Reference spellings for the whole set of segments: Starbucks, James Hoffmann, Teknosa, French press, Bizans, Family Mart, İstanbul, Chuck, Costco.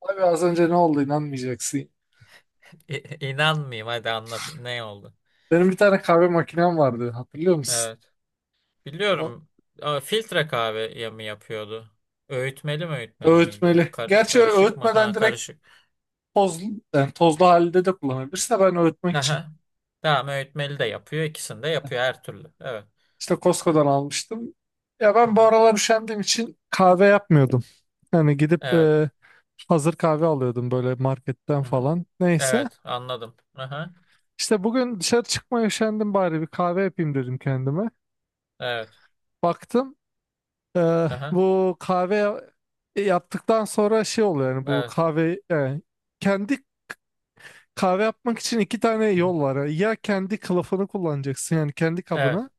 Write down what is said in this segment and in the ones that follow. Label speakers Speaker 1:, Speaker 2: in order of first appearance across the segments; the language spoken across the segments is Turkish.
Speaker 1: Abi, az önce ne oldu, inanmayacaksın.
Speaker 2: İnanmayayım, hadi anlat, ne oldu?
Speaker 1: Benim bir tane kahve makinem vardı, hatırlıyor musun?
Speaker 2: Evet.
Speaker 1: O
Speaker 2: Biliyorum. Ama filtre kahve ya mı yapıyordu? Öğütmeli mi, öğütmeli miydi?
Speaker 1: öğütmeli. Gerçi
Speaker 2: Karışık mı?
Speaker 1: öğütmeden
Speaker 2: Ha,
Speaker 1: direkt
Speaker 2: karışık.
Speaker 1: tozlu, yani tozlu halde de kullanabilirsin de ben öğütmek için
Speaker 2: Aha. Tamam, öğütmeli de yapıyor. İkisini de yapıyor, her türlü. Evet.
Speaker 1: işte Costco'dan almıştım. Ya
Speaker 2: Hı
Speaker 1: ben
Speaker 2: hı.
Speaker 1: bu aralar üşendiğim için kahve yapmıyordum. Yani gidip
Speaker 2: Evet.
Speaker 1: hazır kahve alıyordum böyle marketten
Speaker 2: Hı hı.
Speaker 1: falan. Neyse.
Speaker 2: Evet, anladım. Aha.
Speaker 1: İşte bugün dışarı çıkmaya üşendim, bari bir kahve yapayım dedim kendime.
Speaker 2: Evet.
Speaker 1: Baktım. Ee,
Speaker 2: Aha.
Speaker 1: bu kahve yaptıktan sonra şey oluyor, yani bu
Speaker 2: Evet.
Speaker 1: kahve yani kendi kahve yapmak için iki tane
Speaker 2: Hı hı.
Speaker 1: yol var. Ya kendi kılıfını kullanacaksın yani kendi kabını,
Speaker 2: Evet.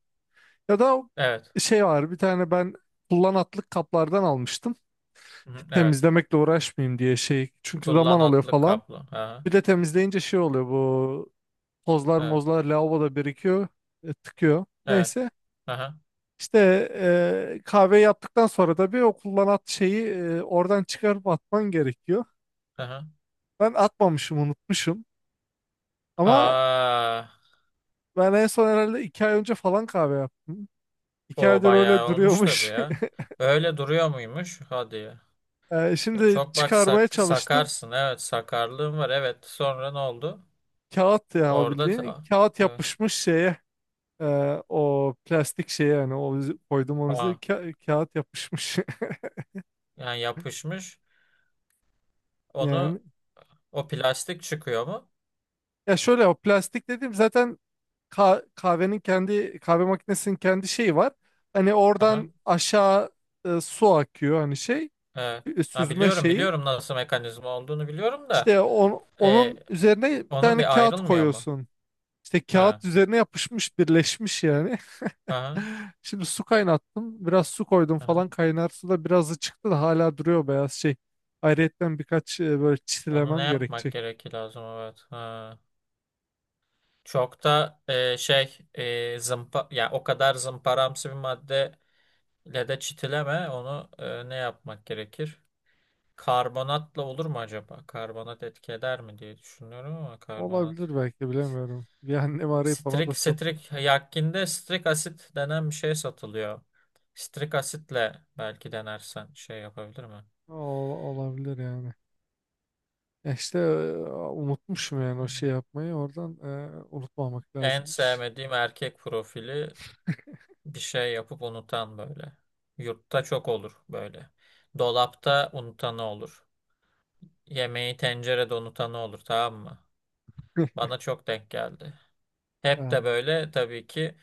Speaker 1: ya da
Speaker 2: Evet.
Speaker 1: şey var, bir tane ben kullanatlık kaplardan almıştım.
Speaker 2: Hı hı. Evet.
Speaker 1: Temizlemekle uğraşmayayım diye şey, çünkü zaman alıyor
Speaker 2: Kullanatlık
Speaker 1: falan.
Speaker 2: kaplı. Aha.
Speaker 1: Bir de temizleyince şey oluyor, bu tozlar
Speaker 2: Evet.
Speaker 1: mozlar lavaboda birikiyor, tıkıyor.
Speaker 2: Evet.
Speaker 1: Neyse.
Speaker 2: Aha.
Speaker 1: İşte kahve yaptıktan sonra da bir o kullanat şeyi oradan çıkarıp atman gerekiyor.
Speaker 2: Aha.
Speaker 1: Ben atmamışım, unutmuşum. Ama
Speaker 2: Aa.
Speaker 1: ben en son herhalde 2 ay önce falan kahve yaptım. İki
Speaker 2: O
Speaker 1: aydır öyle
Speaker 2: bayağı olmuş tabii
Speaker 1: duruyormuş.
Speaker 2: ya. Öyle duruyor muymuş? Hadi ya.
Speaker 1: Eee,
Speaker 2: Ya
Speaker 1: şimdi
Speaker 2: çok bak,
Speaker 1: çıkarmaya çalıştım.
Speaker 2: sakarsın. Evet, sakarlığın var. Evet. Sonra ne oldu?
Speaker 1: Kağıt ya o,
Speaker 2: Orada
Speaker 1: bildiğin. Kağıt
Speaker 2: evet.
Speaker 1: yapışmış şeye. O plastik şeye, yani o koydum onu,
Speaker 2: Aa,
Speaker 1: Kağıt yapışmış
Speaker 2: yani yapışmış.
Speaker 1: yani.
Speaker 2: Onu, o plastik çıkıyor mu?
Speaker 1: Ya şöyle, o plastik dedim zaten, kahvenin kendi, kahve makinesinin kendi şeyi var. Hani
Speaker 2: Aha.
Speaker 1: oradan aşağı su akıyor, hani şey,
Speaker 2: Evet. Ha,
Speaker 1: süzme
Speaker 2: biliyorum,
Speaker 1: şeyi.
Speaker 2: biliyorum nasıl mekanizma olduğunu biliyorum da
Speaker 1: İşte
Speaker 2: e,
Speaker 1: onun üzerine bir
Speaker 2: onun
Speaker 1: tane
Speaker 2: bir
Speaker 1: kağıt
Speaker 2: ayrılmıyor mu?
Speaker 1: koyuyorsun. İşte
Speaker 2: Ha.
Speaker 1: kağıt üzerine yapışmış, birleşmiş yani.
Speaker 2: Aha.
Speaker 1: Şimdi su kaynattım. Biraz su koydum
Speaker 2: Aha.
Speaker 1: falan, kaynar su da birazı çıktı da hala duruyor beyaz şey. Ayrıyetten birkaç böyle
Speaker 2: Onu ne
Speaker 1: çitilemem
Speaker 2: yapmak
Speaker 1: gerekecek.
Speaker 2: gerekir, lazım, evet. Ha. Çok da şey, zımpa ya, o kadar zımparamsı bir maddeyle de çitileme onu, ne yapmak gerekir? Karbonatla olur mu acaba? Karbonat etki eder mi diye düşünüyorum, ama karbonat.
Speaker 1: Olabilir belki, bilemiyorum. Bir annemi arayıp ona da
Speaker 2: Strik
Speaker 1: sordum.
Speaker 2: strik yakkinde strik asit denen bir şey satılıyor. Strik asitle belki denersen şey yapabilir mi?
Speaker 1: Olabilir yani. Ya işte, unutmuşum yani o
Speaker 2: Hı.
Speaker 1: şey yapmayı oradan, unutmamak
Speaker 2: En
Speaker 1: lazımmış.
Speaker 2: sevmediğim erkek profili, bir şey yapıp unutan böyle. Yurtta çok olur böyle. Dolapta unutanı olur. Yemeği tencerede unutanı olur, tamam mı? Bana çok denk geldi. Hep de
Speaker 1: Ha.
Speaker 2: böyle, tabii ki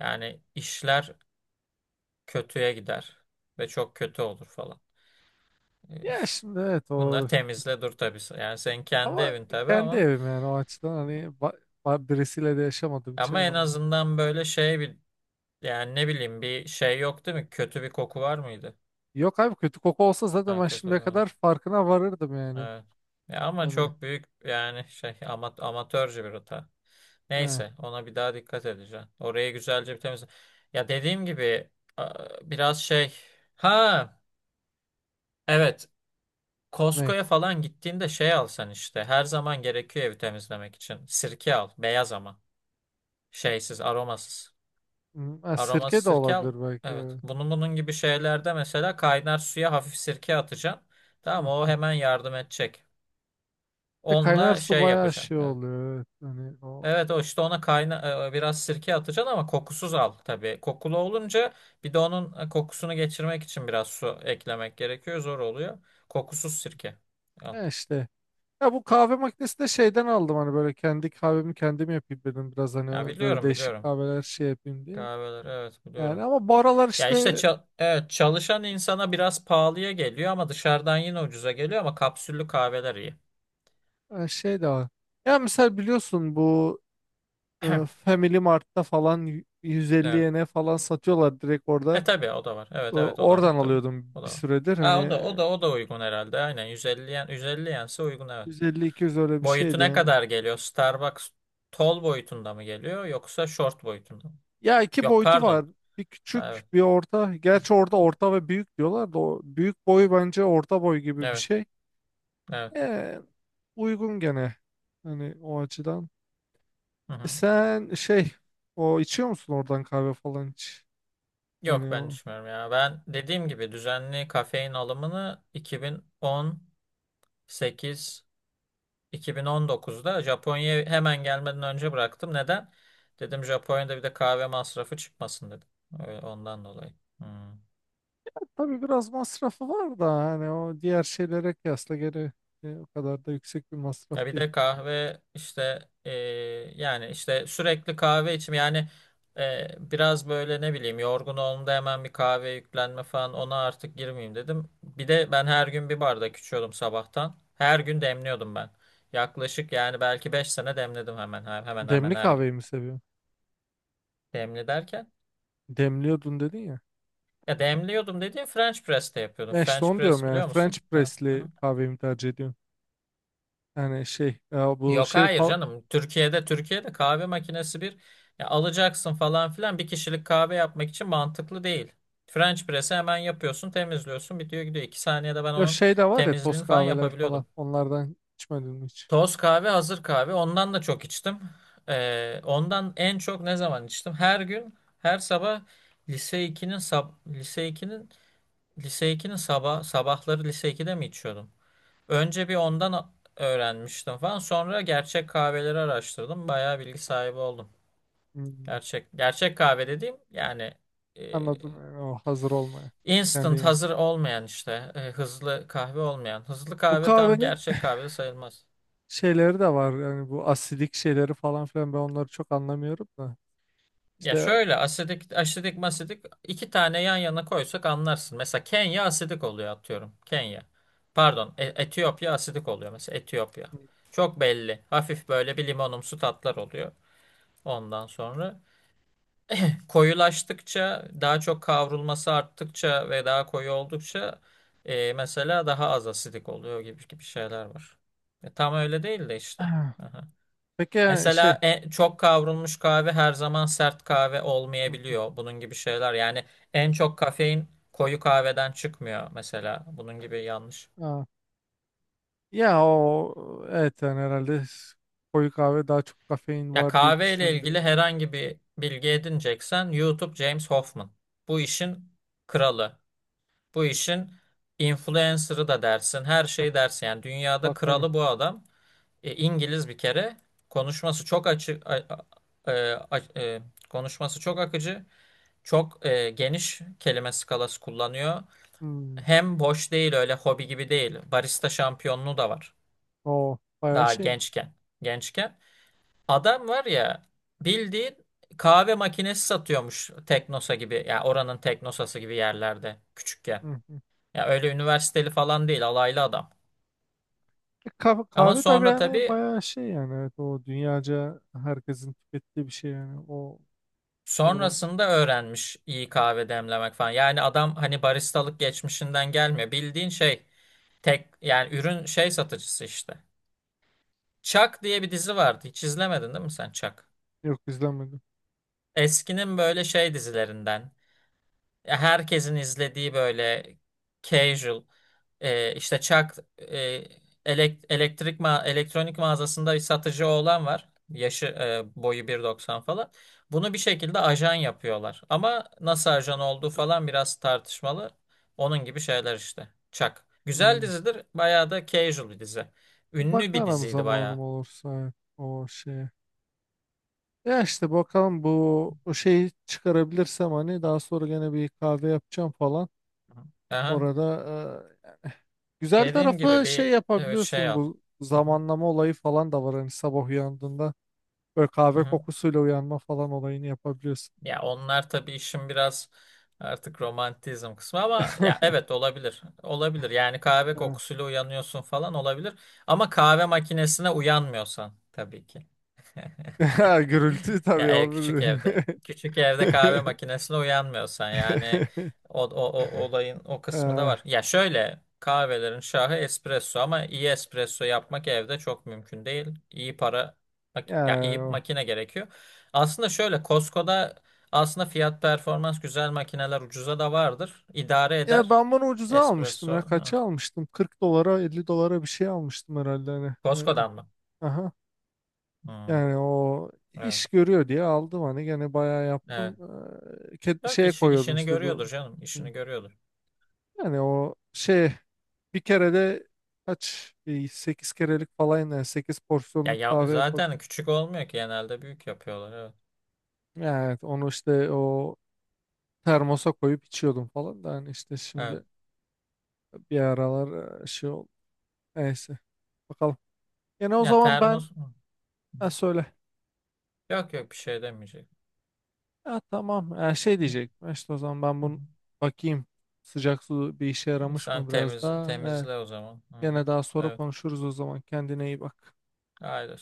Speaker 2: yani işler kötüye gider ve çok kötü olur falan.
Speaker 1: Ya şimdi evet
Speaker 2: Bunları
Speaker 1: o,
Speaker 2: temizle dur tabii. Yani senin kendi
Speaker 1: ama
Speaker 2: evin tabii,
Speaker 1: kendi
Speaker 2: ama
Speaker 1: evim, yani o açıdan hani, ba- birisiyle de yaşamadığım için
Speaker 2: ama
Speaker 1: hani
Speaker 2: en
Speaker 1: ama.
Speaker 2: azından böyle şey bir, yani ne bileyim, bir şey yok değil mi? Kötü bir koku var mıydı?
Speaker 1: Yok abi, kötü koku olsa zaten
Speaker 2: Ha,
Speaker 1: ben
Speaker 2: kötü.
Speaker 1: şimdiye kadar farkına varırdım yani.
Speaker 2: Evet. Ya ama
Speaker 1: Yani
Speaker 2: çok büyük yani şey ama, amatörce bir hata.
Speaker 1: ha,
Speaker 2: Neyse, ona bir daha dikkat edeceğim. Orayı güzelce bir temizle. Ya dediğim gibi, a- biraz şey. Ha, evet,
Speaker 1: ne?
Speaker 2: Costco'ya falan gittiğinde şey alsan, işte her zaman gerekiyor evi temizlemek için. Sirke al, beyaz ama şeysiz, aromasız.
Speaker 1: Hmm, ha,
Speaker 2: Aromasız
Speaker 1: sirke de
Speaker 2: sirke al.
Speaker 1: olabilir belki,
Speaker 2: Evet,
Speaker 1: evet.
Speaker 2: bunun gibi şeylerde mesela kaynar suya hafif sirke atacaksın.
Speaker 1: Hı
Speaker 2: Tamam, o
Speaker 1: hı.
Speaker 2: hemen yardım edecek.
Speaker 1: De kaynar
Speaker 2: Onunla
Speaker 1: su
Speaker 2: şey
Speaker 1: bayağı
Speaker 2: yapacaksın.
Speaker 1: şey
Speaker 2: Evet.
Speaker 1: oluyor, evet. Hani o,
Speaker 2: Evet, o işte ona biraz sirke atacaksın, ama kokusuz al tabii. Kokulu olunca bir de onun kokusunu geçirmek için biraz su eklemek gerekiyor. Zor oluyor. Kokusuz sirke al.
Speaker 1: ya işte. Ya bu kahve makinesi de şeyden aldım hani, böyle kendi kahvemi kendim yapayım dedim, biraz
Speaker 2: Ya
Speaker 1: hani böyle
Speaker 2: biliyorum,
Speaker 1: değişik
Speaker 2: biliyorum.
Speaker 1: kahveler şey yapayım diye.
Speaker 2: Kahveler, evet,
Speaker 1: Yani
Speaker 2: biliyorum.
Speaker 1: ama bu aralar
Speaker 2: Ya işte
Speaker 1: işte,
Speaker 2: evet, çalışan insana biraz pahalıya geliyor ama dışarıdan yine ucuza geliyor, ama kapsüllü kahveler iyi.
Speaker 1: şey de var. Ya mesela biliyorsun bu, Family Mart'ta falan 150
Speaker 2: Evet.
Speaker 1: yene falan satıyorlar direkt orada.
Speaker 2: E tabii, o da var.
Speaker 1: E,
Speaker 2: Evet, evet, o da var
Speaker 1: oradan
Speaker 2: tabii.
Speaker 1: alıyordum
Speaker 2: O
Speaker 1: bir
Speaker 2: da var.
Speaker 1: süredir
Speaker 2: Ha, o
Speaker 1: hani,
Speaker 2: da, o da, o da uygun herhalde. Aynen, 150 yen, 150 yense uygun, evet.
Speaker 1: 150-200 öyle bir
Speaker 2: Boyutu
Speaker 1: şeydi
Speaker 2: ne
Speaker 1: yani.
Speaker 2: kadar geliyor? Starbucks tall boyutunda mı geliyor, yoksa short boyutunda mı?
Speaker 1: Ya iki
Speaker 2: Yok,
Speaker 1: boyutu var.
Speaker 2: pardon.
Speaker 1: Bir
Speaker 2: Ha,
Speaker 1: küçük,
Speaker 2: evet.
Speaker 1: bir orta. Gerçi orada orta ve büyük diyorlar da, o büyük boyu bence orta boy gibi bir
Speaker 2: Evet.
Speaker 1: şey.
Speaker 2: Evet.
Speaker 1: E, uygun gene. Hani o açıdan.
Speaker 2: Hı
Speaker 1: E
Speaker 2: hı.
Speaker 1: sen şey, o içiyor musun oradan kahve falan hiç?
Speaker 2: Yok,
Speaker 1: Yani
Speaker 2: ben
Speaker 1: o
Speaker 2: düşünmüyorum ya. Ben dediğim gibi düzenli kafein alımını 2018, 2019'da, Japonya'ya hemen gelmeden önce bıraktım. Neden? Dedim Japonya'da bir de kahve masrafı çıkmasın dedim. Öyle, ondan dolayı. Hı.
Speaker 1: tabii biraz masrafı var da, hani o diğer şeylere kıyasla gene o kadar da yüksek bir masraf
Speaker 2: Ya bir
Speaker 1: değil.
Speaker 2: de kahve işte, yani işte sürekli kahve içim yani, biraz böyle ne bileyim, yorgun olduğumda hemen bir kahve yüklenme falan, ona artık girmeyeyim dedim. Bir de ben her gün bir bardak içiyordum sabahtan. Her gün demliyordum ben. Yaklaşık yani belki 5 sene demledim, hemen hemen
Speaker 1: Demli
Speaker 2: her gün.
Speaker 1: kahveyi mi seviyorsun?
Speaker 2: Demli derken,
Speaker 1: Demliyordun dedin ya.
Speaker 2: ya demliyordum dediğim French press'te yapıyordum.
Speaker 1: E işte
Speaker 2: French
Speaker 1: onu diyorum
Speaker 2: press
Speaker 1: yani,
Speaker 2: biliyor
Speaker 1: French
Speaker 2: musun? Ha.
Speaker 1: press'li kahveyi mi tercih ediyorsun? Yani şey ya, bu
Speaker 2: Yok,
Speaker 1: şey
Speaker 2: hayır
Speaker 1: falan,
Speaker 2: canım. Türkiye'de kahve makinesi bir ya alacaksın falan filan, bir kişilik kahve yapmak için mantıklı değil. French press'i hemen yapıyorsun, temizliyorsun, bitiyor gidiyor. İki saniyede ben
Speaker 1: ya
Speaker 2: onun
Speaker 1: şey de var ya, toz
Speaker 2: temizliğini falan
Speaker 1: kahveler falan,
Speaker 2: yapabiliyordum.
Speaker 1: onlardan içmedin mi hiç?
Speaker 2: Toz kahve, hazır kahve. Ondan da çok içtim. Ondan en çok ne zaman içtim? Her gün, her sabah lise iki'nin sab lise iki'nin lise iki'nin sabah sabahları lise iki'de mi içiyordum? Önce bir ondan öğrenmiştim falan. Sonra gerçek kahveleri araştırdım. Bayağı bilgi sahibi oldum.
Speaker 1: Hmm,
Speaker 2: Gerçek gerçek kahve dediğim yani, e,
Speaker 1: anladım, yani o hazır olmayan.
Speaker 2: instant
Speaker 1: Kendi
Speaker 2: hazır olmayan işte, hızlı kahve olmayan. Hızlı
Speaker 1: Bu
Speaker 2: kahve tam
Speaker 1: kahvenin
Speaker 2: gerçek kahve de sayılmaz.
Speaker 1: şeyleri de var. Yani bu asidik şeyleri falan filan, ben onları çok anlamıyorum da.
Speaker 2: Ya
Speaker 1: İşte
Speaker 2: şöyle, asidik, masidik iki tane yan yana koysak anlarsın. Mesela Kenya asidik oluyor atıyorum. Kenya. Pardon, Etiyopya asidik oluyor, mesela Etiyopya. Çok belli. Hafif böyle bir limonumsu tatlar oluyor. Ondan sonra koyulaştıkça, daha çok kavrulması arttıkça ve daha koyu oldukça, mesela daha az asidik oluyor gibi gibi şeyler var. E, tam öyle değil de işte. Aha.
Speaker 1: peki yani şey
Speaker 2: Mesela çok kavrulmuş kahve her zaman sert kahve olmayabiliyor. Bunun gibi şeyler. Yani en çok kafein koyu kahveden çıkmıyor mesela. Bunun gibi yanlış.
Speaker 1: ha, ya o evet, yani herhalde koyu kahve daha çok kafein
Speaker 2: Ya
Speaker 1: var diye
Speaker 2: kahve ile
Speaker 1: düşünülüyor.
Speaker 2: ilgili herhangi bir bilgi edineceksen, YouTube, James Hoffman. Bu işin kralı. Bu işin influencer'ı da dersin, her şeyi dersin. Yani dünyada
Speaker 1: Bakarım.
Speaker 2: kralı bu adam. E, İngiliz bir kere. Konuşması çok açık, a- e, a- e, konuşması çok akıcı. Çok geniş kelime skalası kullanıyor.
Speaker 1: Hmm,
Speaker 2: Hem boş değil, öyle hobi gibi değil. Barista şampiyonluğu da var.
Speaker 1: o bayağı
Speaker 2: Daha
Speaker 1: şeymiş.
Speaker 2: gençken. Gençken. Adam var ya, bildiğin kahve makinesi satıyormuş, Teknosa gibi. Yani oranın Teknosası gibi yerlerde küçükken.
Speaker 1: Hı hı.
Speaker 2: Ya öyle üniversiteli falan değil, alaylı adam.
Speaker 1: Kahve,
Speaker 2: Ama
Speaker 1: kahve tabii
Speaker 2: sonra
Speaker 1: yani,
Speaker 2: tabii
Speaker 1: bayağı şey yani, evet, o dünyaca herkesin tükettiği bir şey yani, o şey var.
Speaker 2: sonrasında öğrenmiş iyi kahve demlemek falan. Yani adam hani baristalık geçmişinden gelmiyor. Bildiğin şey, tek yani ürün şey satıcısı işte. Chuck diye bir dizi vardı. Hiç izlemedin değil mi sen Chuck?
Speaker 1: Yok, izlemedim.
Speaker 2: Eskinin böyle şey dizilerinden. Ya herkesin izlediği böyle casual, işte Çak, elektrik ma elektronik mağazasında bir satıcı oğlan var. Yaşı, boyu 1.90 falan. Bunu bir şekilde ajan yapıyorlar. Ama nasıl ajan olduğu falan biraz tartışmalı. Onun gibi şeyler işte. Çak. Güzel
Speaker 1: Hmm.
Speaker 2: dizidir. Bayağı da casual bir dizi. Ünlü bir
Speaker 1: Bakarım
Speaker 2: diziydi
Speaker 1: zamanım
Speaker 2: bayağı.
Speaker 1: olursa, evet, o şey. Ya işte bakalım bu, o şeyi çıkarabilirsem hani daha sonra gene bir kahve yapacağım falan.
Speaker 2: Aha.
Speaker 1: Orada yani güzel
Speaker 2: Dediğim
Speaker 1: tarafı
Speaker 2: gibi
Speaker 1: şey
Speaker 2: bir, evet, şey
Speaker 1: yapabiliyorsun,
Speaker 2: al.
Speaker 1: bu
Speaker 2: Hı hı.
Speaker 1: zamanlama olayı falan da var, hani sabah uyandığında böyle
Speaker 2: Hı
Speaker 1: kahve
Speaker 2: hı.
Speaker 1: kokusuyla uyanma falan olayını yapabiliyorsun.
Speaker 2: Ya onlar tabii işin biraz artık romantizm kısmı, ama ya, evet, olabilir. Olabilir. Yani kahve
Speaker 1: Ha.
Speaker 2: kokusuyla uyanıyorsun falan, olabilir. Ama kahve makinesine uyanmıyorsan tabii ki.
Speaker 1: Gürültü
Speaker 2: Ya
Speaker 1: tabii o.
Speaker 2: küçük evde. Küçük evde kahve makinesine uyanmıyorsan yani, o olayın o kısmı da
Speaker 1: Eh,
Speaker 2: var. Ya şöyle, kahvelerin şahı espresso, ama iyi espresso yapmak evde çok mümkün değil. İyi para ya iyi
Speaker 1: ya,
Speaker 2: makine gerekiyor. Aslında şöyle, Costco'da aslında fiyat performans güzel makineler ucuza da vardır. İdare
Speaker 1: ya
Speaker 2: eder.
Speaker 1: ben bunu ucuza almıştım
Speaker 2: Espresso.
Speaker 1: ya,
Speaker 2: Ha.
Speaker 1: kaça almıştım? 40 dolara 50 dolara bir şey almıştım herhalde hani.
Speaker 2: Costco'dan mı?
Speaker 1: Aha.
Speaker 2: Hmm,
Speaker 1: Yani o
Speaker 2: evet.
Speaker 1: iş görüyor diye aldım hani, gene bayağı
Speaker 2: Evet.
Speaker 1: yaptım. Ee, ke-
Speaker 2: Yok,
Speaker 1: şeye koyuyordum
Speaker 2: işini
Speaker 1: işte
Speaker 2: görüyordur
Speaker 1: bu.
Speaker 2: canım. İşini görüyordur.
Speaker 1: Yani o şey, bir kere de kaç 8 kerelik falan yani, 8
Speaker 2: Ya,
Speaker 1: porsiyonluk kahve yapıyordum.
Speaker 2: zaten küçük olmuyor ki, genelde büyük yapıyorlar. Evet.
Speaker 1: Evet, onu işte o termosa koyup içiyordum falan da, hani işte
Speaker 2: Evet.
Speaker 1: şimdi bir aralar şey oldu. Neyse, bakalım. Yani o
Speaker 2: Ya
Speaker 1: zaman ben,
Speaker 2: termos,
Speaker 1: ha, söyle.
Speaker 2: yok yok, bir şey demeyecek.
Speaker 1: Ha, tamam, ha, şey
Speaker 2: Hı.
Speaker 1: diyecek, işte o zaman ben
Speaker 2: Hı.
Speaker 1: bunu bakayım, sıcak su bir işe
Speaker 2: Hı.
Speaker 1: yaramış
Speaker 2: Sen
Speaker 1: mı biraz daha.
Speaker 2: temizle o zaman. Hı.
Speaker 1: Gene daha sonra
Speaker 2: Evet.
Speaker 1: konuşuruz o zaman. Kendine iyi bak.
Speaker 2: Haydi.